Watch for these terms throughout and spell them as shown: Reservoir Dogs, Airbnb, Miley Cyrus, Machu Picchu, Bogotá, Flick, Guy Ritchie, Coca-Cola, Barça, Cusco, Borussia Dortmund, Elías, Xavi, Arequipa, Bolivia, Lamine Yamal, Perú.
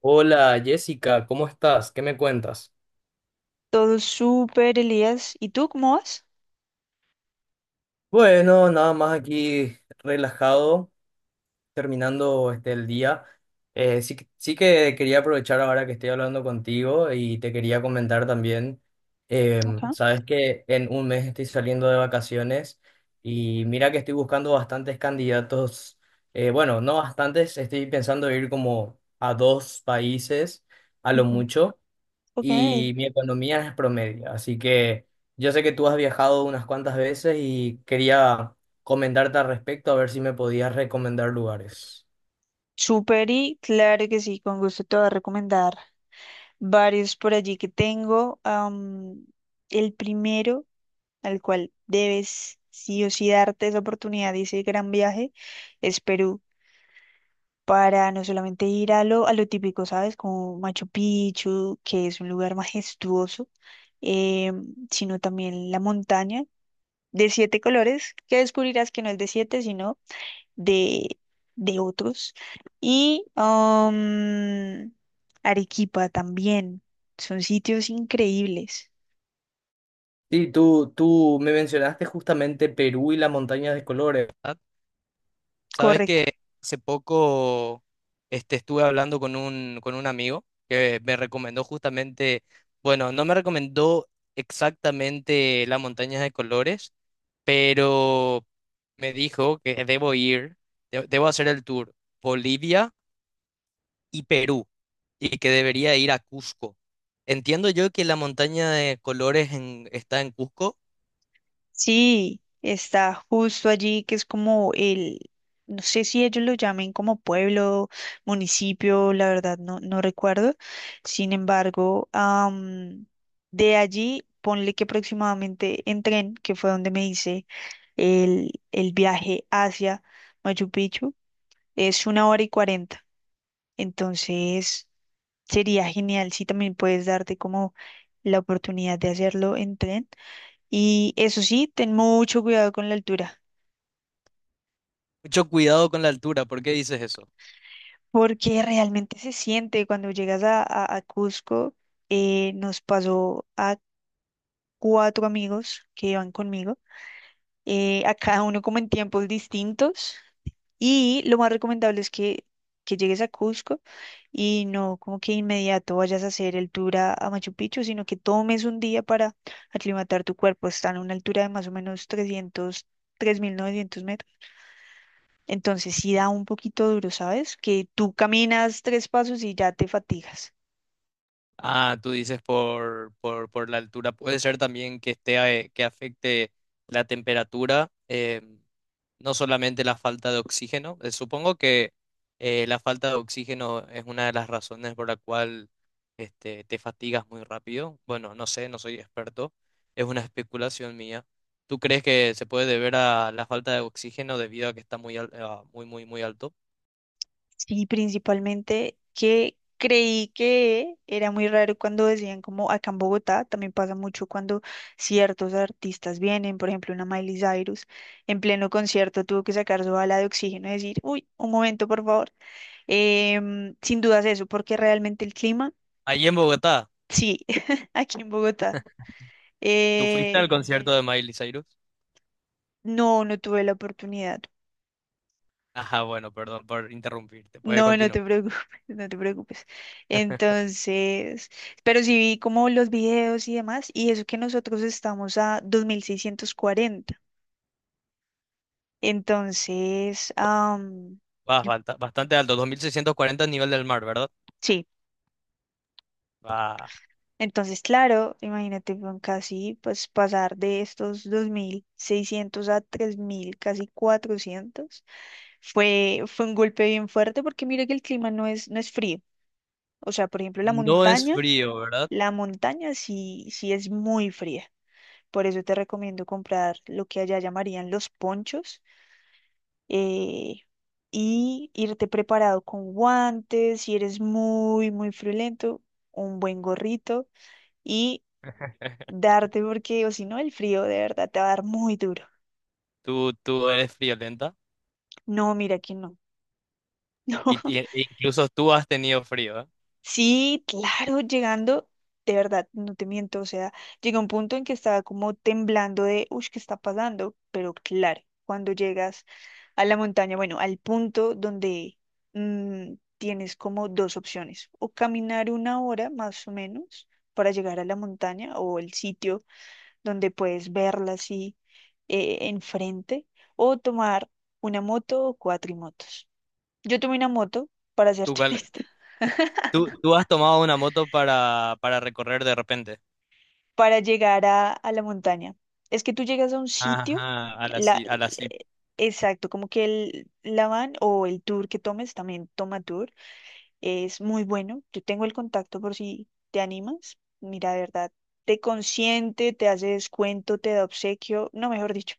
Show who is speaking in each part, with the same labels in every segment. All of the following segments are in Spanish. Speaker 1: Hola Jessica, ¿cómo estás? ¿Qué me cuentas?
Speaker 2: Todo súper, Elías. ¿Y tú cómo vas?
Speaker 1: Bueno, nada más aquí relajado, terminando el día. Sí que quería aprovechar ahora que estoy hablando contigo y te quería comentar también,
Speaker 2: Acá.
Speaker 1: sabes que en un mes estoy saliendo de vacaciones y mira que estoy buscando bastantes candidatos, bueno, no bastantes, estoy pensando ir como a dos países a lo
Speaker 2: Ujú.
Speaker 1: mucho.
Speaker 2: Ok.
Speaker 1: Y mi economía es promedio. Así que yo sé que tú has viajado unas cuantas veces y quería comentarte al respecto a ver si me podías recomendar lugares.
Speaker 2: Súper y claro que sí, con gusto te voy a recomendar varios por allí que tengo. El primero, al cual debes sí o sí darte esa oportunidad y ese gran viaje, es Perú. Para no solamente ir a lo típico, ¿sabes? Como Machu Picchu, que es un lugar majestuoso, sino también la montaña de siete colores, que descubrirás que no es de siete, sino de, de otros. Y Arequipa también. Son sitios increíbles.
Speaker 1: Sí, tú me mencionaste justamente Perú y las montañas de colores, ¿verdad? Sabes
Speaker 2: Correcto.
Speaker 1: que hace poco estuve hablando con un amigo que me recomendó justamente, bueno, no me recomendó exactamente las montañas de colores, pero me dijo que debo ir, debo hacer el tour Bolivia y Perú y que debería ir a Cusco. Entiendo yo que la montaña de colores está en Cusco.
Speaker 2: Sí, está justo allí, que es como el, no sé si ellos lo llamen como pueblo, municipio, la verdad no, no recuerdo. Sin embargo, de allí, ponle que aproximadamente en tren, que fue donde me hice el viaje hacia Machu Picchu, es una hora y cuarenta. Entonces, sería genial si también puedes darte como la oportunidad de hacerlo en tren. Y eso sí, ten mucho cuidado con la altura,
Speaker 1: Mucho cuidado con la altura, ¿por qué dices eso?
Speaker 2: porque realmente se siente cuando llegas a Cusco. Nos pasó a cuatro amigos que iban conmigo, a cada uno como en tiempos distintos. Y lo más recomendable es que llegues a Cusco y no como que inmediato vayas a hacer el tour a Machu Picchu, sino que tomes un día para aclimatar tu cuerpo. Está a una altura de más o menos 3.900 metros. Entonces sí da un poquito duro, ¿sabes? Que tú caminas tres pasos y ya te fatigas.
Speaker 1: Ah, tú dices por, por la altura. Puede ser también que esté, que afecte la temperatura, no solamente la falta de oxígeno. Supongo que la falta de oxígeno es una de las razones por la cual te fatigas muy rápido. Bueno, no sé, no soy experto. Es una especulación mía. ¿Tú crees que se puede deber a la falta de oxígeno debido a que está muy, muy, muy, muy alto?
Speaker 2: Sí, principalmente que creí que era muy raro cuando decían como acá en Bogotá, también pasa mucho cuando ciertos artistas vienen, por ejemplo, una Miley Cyrus, en pleno concierto tuvo que sacar su bala de oxígeno y decir, uy, un momento, por favor. Sin dudas eso, porque realmente el clima,
Speaker 1: Allí en Bogotá,
Speaker 2: sí, aquí en Bogotá,
Speaker 1: ¿tú fuiste al
Speaker 2: eh,
Speaker 1: concierto, sí, de Miley Cyrus?
Speaker 2: no, no tuve la oportunidad.
Speaker 1: Ajá, bueno, perdón por interrumpirte. Puede
Speaker 2: No, no te
Speaker 1: continuar.
Speaker 2: preocupes, no te preocupes. Entonces, pero sí vi como los videos y demás, y eso que nosotros estamos a 2.640. Entonces,
Speaker 1: Vas
Speaker 2: yo-
Speaker 1: bastante alto, 2640 nivel del mar, ¿verdad?
Speaker 2: sí,
Speaker 1: Va.
Speaker 2: entonces, claro, imagínate con casi pues pasar de estos 2.600 a 3.000, casi 400. Fue un golpe bien fuerte porque mira que el clima no es, no es frío. O sea, por ejemplo,
Speaker 1: No es frío, ¿verdad?
Speaker 2: la montaña sí, sí es muy fría. Por eso te recomiendo comprar lo que allá llamarían los ponchos, eh, y irte preparado con guantes, si eres muy, muy friolento, un buen gorrito y darte, porque, o si no, el frío de verdad te va a dar muy duro.
Speaker 1: Tú eres friolenta.
Speaker 2: No, mira que no. No.
Speaker 1: E incluso tú has tenido frío, ¿eh?
Speaker 2: Sí, claro, llegando, de verdad, no te miento, o sea, llega un punto en que estaba como temblando de, uy, ¿qué está pasando? Pero claro, cuando llegas a la montaña, bueno, al punto donde tienes como dos opciones, o caminar una hora más o menos para llegar a la montaña o el sitio donde puedes verla así enfrente, o tomar una moto o cuatrimotos. Yo tomé una moto, para
Speaker 1: Tú,
Speaker 2: serte
Speaker 1: cuál-
Speaker 2: honesta.
Speaker 1: tú has tomado una moto para, recorrer de repente.
Speaker 2: Para llegar a la montaña. Es que tú llegas a un sitio,
Speaker 1: Ajá, a la,
Speaker 2: la,
Speaker 1: ci- a la ci-
Speaker 2: eh, exacto, como que la van o el tour que tomes, también toma tour, es muy bueno. Yo tengo el contacto por si te animas. Mira, de verdad, te consiente, te hace descuento, te da obsequio, no, mejor dicho.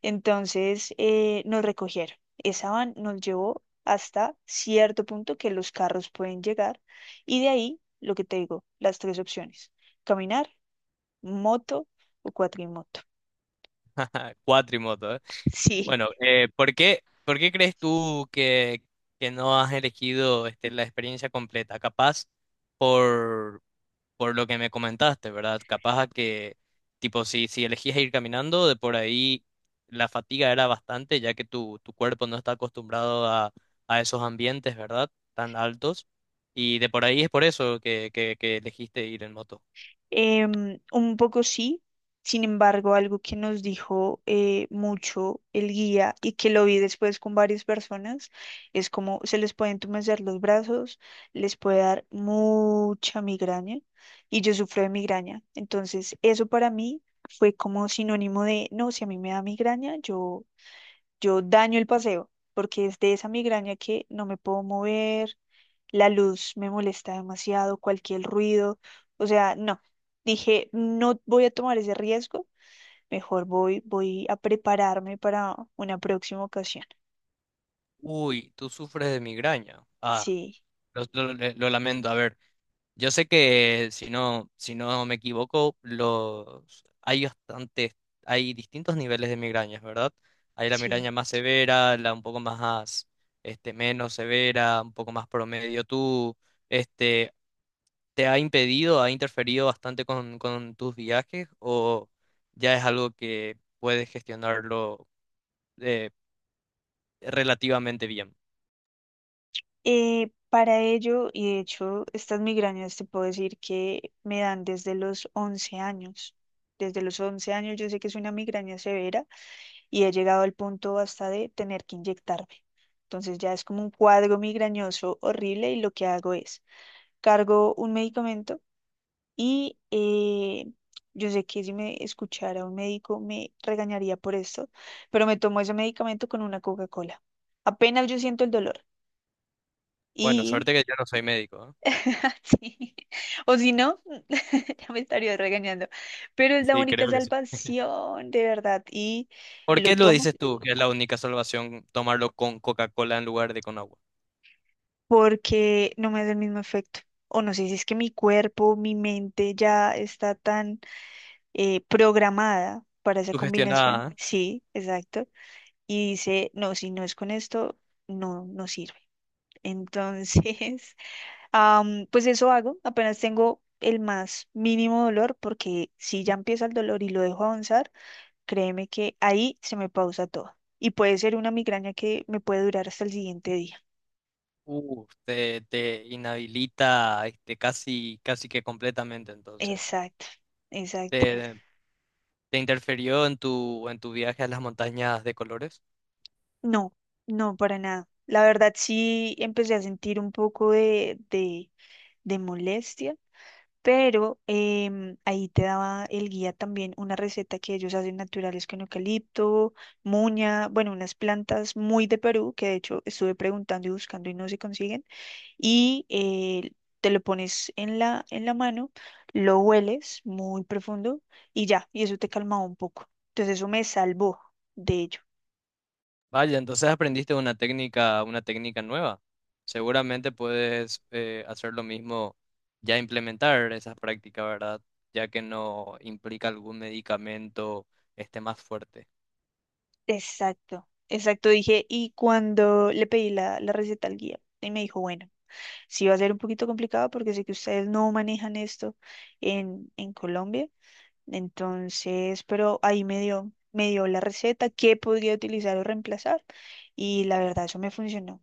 Speaker 2: Entonces, nos recogieron. Esa van nos llevó hasta cierto punto que los carros pueden llegar y de ahí, lo que te digo, las tres opciones. Caminar, moto o cuatrimoto.
Speaker 1: Cuatrimoto, ¿eh?
Speaker 2: Sí,
Speaker 1: Bueno, ¿por qué crees tú que no has elegido la experiencia completa? Capaz por, por lo que me comentaste, ¿verdad? Capaz a que, tipo, si elegías ir caminando, de por ahí la fatiga era bastante, ya que tu cuerpo no está acostumbrado a esos ambientes, ¿verdad? Tan altos. Y de por ahí es por eso que elegiste ir en moto.
Speaker 2: un poco sí. Sin embargo, algo que nos dijo mucho el guía y que lo vi después con varias personas es como se les pueden entumecer los brazos, les puede dar mucha migraña, y yo sufro de migraña. Entonces, eso para mí fue como sinónimo de, no, si a mí me da migraña, yo daño el paseo, porque es de esa migraña que no me puedo mover. La luz me molesta demasiado, cualquier ruido, o sea, no. Dije, no voy a tomar ese riesgo, mejor voy, voy a prepararme para una próxima ocasión.
Speaker 1: Uy, tú sufres de migraña. Ah,
Speaker 2: Sí,
Speaker 1: lo lamento. A ver, yo sé que si no me equivoco, los hay bastantes, hay distintos niveles de migrañas, ¿verdad? Hay la
Speaker 2: sí.
Speaker 1: migraña más severa, la un poco más, menos severa, un poco más promedio. ¿Tú, este, te ha impedido, ha interferido bastante con, tus viajes o ya es algo que puedes gestionarlo eh, relativamente bien?
Speaker 2: Para ello, y de hecho, estas migrañas te puedo decir que me dan desde los 11 años. Desde los 11 años yo sé que es una migraña severa y he llegado al punto hasta de tener que inyectarme. Entonces ya es como un cuadro migrañoso horrible y lo que hago es cargo un medicamento y yo sé que si me escuchara un médico me regañaría por esto, pero me tomo ese medicamento con una Coca-Cola. Apenas yo siento el dolor
Speaker 1: Bueno,
Speaker 2: y
Speaker 1: suerte que yo no soy médico,
Speaker 2: sí, o si no, ya me estaría regañando, pero es
Speaker 1: ¿eh?
Speaker 2: la
Speaker 1: Sí,
Speaker 2: única
Speaker 1: creo que sí.
Speaker 2: salvación, de verdad, y
Speaker 1: ¿Por
Speaker 2: lo
Speaker 1: qué lo
Speaker 2: tomo.
Speaker 1: dices tú que es la única salvación tomarlo con Coca-Cola en lugar de con agua?
Speaker 2: Porque no me hace el mismo efecto. O no sé si es que mi cuerpo, mi mente ya está tan programada para esa combinación.
Speaker 1: Sugestionada, ¿eh?
Speaker 2: Sí, exacto. Y dice, no, si no es con esto, no, no sirve. Entonces, pues eso hago. Apenas tengo el más mínimo dolor, porque si ya empieza el dolor y lo dejo avanzar, créeme que ahí se me pausa todo. Y puede ser una migraña que me puede durar hasta el siguiente día.
Speaker 1: Te inhabilita casi, casi que completamente entonces.
Speaker 2: Exacto, exacto.
Speaker 1: ¿Te, te interfirió en tu viaje a las montañas de colores?
Speaker 2: No, no, para nada. La verdad sí empecé a sentir un poco de molestia, pero ahí te daba el guía también una receta que ellos hacen naturales con eucalipto, muña, bueno, unas plantas muy de Perú que de hecho estuve preguntando y buscando y no se consiguen. Y te lo pones en la mano, lo hueles muy profundo y ya, y eso te calmaba un poco. Entonces eso me salvó. De
Speaker 1: Vaya, entonces aprendiste una técnica nueva. Seguramente puedes hacer lo mismo, ya implementar esa práctica, ¿verdad? Ya que no implica algún medicamento más fuerte.
Speaker 2: Exacto, exacto, dije, y cuando le pedí la, la receta al guía, y me dijo, bueno, sí va a ser un poquito complicado porque sé que ustedes no manejan esto en Colombia, entonces, pero ahí me dio la receta, qué podría utilizar o reemplazar, y la verdad eso me funcionó,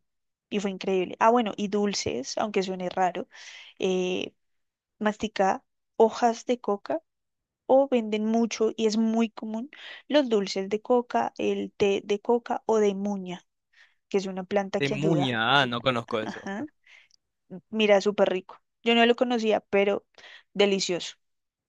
Speaker 2: y fue increíble. Ah, bueno, y dulces, aunque suene raro, eh, masticaba hojas de coca, o venden mucho y es muy común los dulces de coca, el té de coca o de muña, que es una planta
Speaker 1: De
Speaker 2: que ayuda.
Speaker 1: muña, ah, no conozco eso.
Speaker 2: Ajá. Mira, súper rico. Yo no lo conocía, pero delicioso.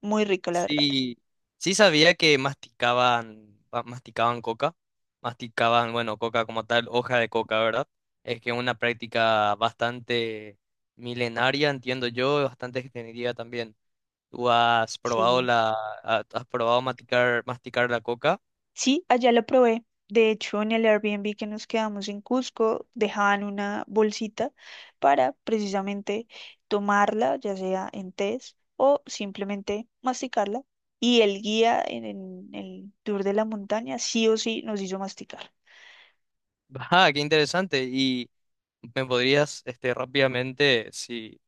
Speaker 2: Muy rico, la verdad.
Speaker 1: Sí, sí sabía que masticaban, masticaban coca, masticaban, bueno, coca como tal, hoja de coca, ¿verdad? Es que es una práctica bastante milenaria, entiendo yo, bastante extendida también. ¿Tú has probado
Speaker 2: Sí.
Speaker 1: has probado masticar la coca?
Speaker 2: Sí, allá lo probé. De hecho, en el Airbnb que nos quedamos en Cusco, dejaban una bolsita para precisamente tomarla, ya sea en tés o simplemente masticarla. Y el guía en el tour de la montaña sí o sí nos hizo masticar.
Speaker 1: Ah, qué interesante. Y me podrías, rápidamente, si,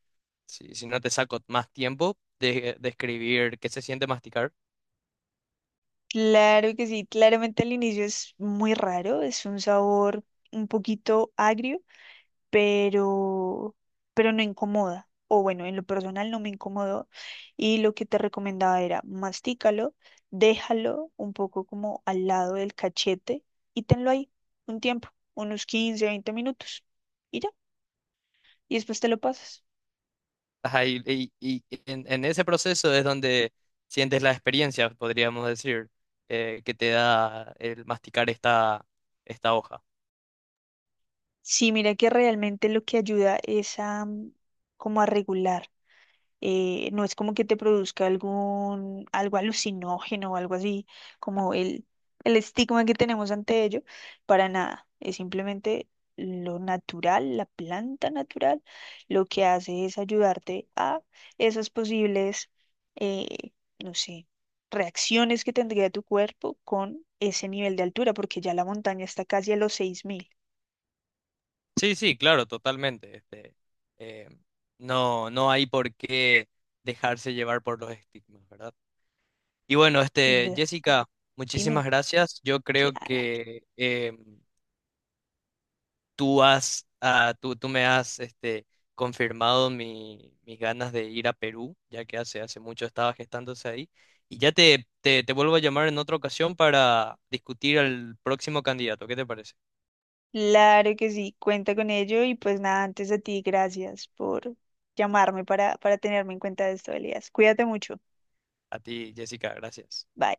Speaker 1: si, si no te saco más tiempo, describir qué se siente masticar.
Speaker 2: Claro que sí, claramente al inicio es muy raro, es un sabor un poquito agrio, pero, pero no incomoda. O bueno, en lo personal no me incomodó. Y lo que te recomendaba era mastícalo, déjalo un poco como al lado del cachete y tenlo ahí un tiempo, unos 15-20 minutos. Y ya, y después te lo pasas.
Speaker 1: Ajá, y en ese proceso es donde sientes la experiencia, podríamos decir, que te da el masticar esta hoja.
Speaker 2: Sí, mira que realmente lo que ayuda es a como a regular. No es como que te produzca algún, algo alucinógeno o algo así, como el estigma que tenemos ante ello, para nada, es simplemente lo natural, la planta natural. Lo que hace es ayudarte a esas posibles, eh, no sé, reacciones que tendría tu cuerpo con ese nivel de altura, porque ya la montaña está casi a los 6.000,
Speaker 1: Sí, sí, claro, totalmente. Eh, no, no hay por qué dejarse llevar por los estigmas, ¿verdad? Y bueno,
Speaker 2: sin duda.
Speaker 1: Jessica,
Speaker 2: Dime,
Speaker 1: muchísimas gracias. Yo creo
Speaker 2: claro.
Speaker 1: que tú me has confirmado mis ganas de ir a Perú, ya que hace mucho estaba gestándose ahí. Y ya te vuelvo a llamar en otra ocasión para discutir al próximo candidato. ¿Qué te parece?
Speaker 2: Claro que sí, cuenta con ello y pues nada, antes a ti, gracias por llamarme para tenerme en cuenta de esto, Elías. Cuídate mucho.
Speaker 1: A ti, Jessica, gracias.
Speaker 2: Bye.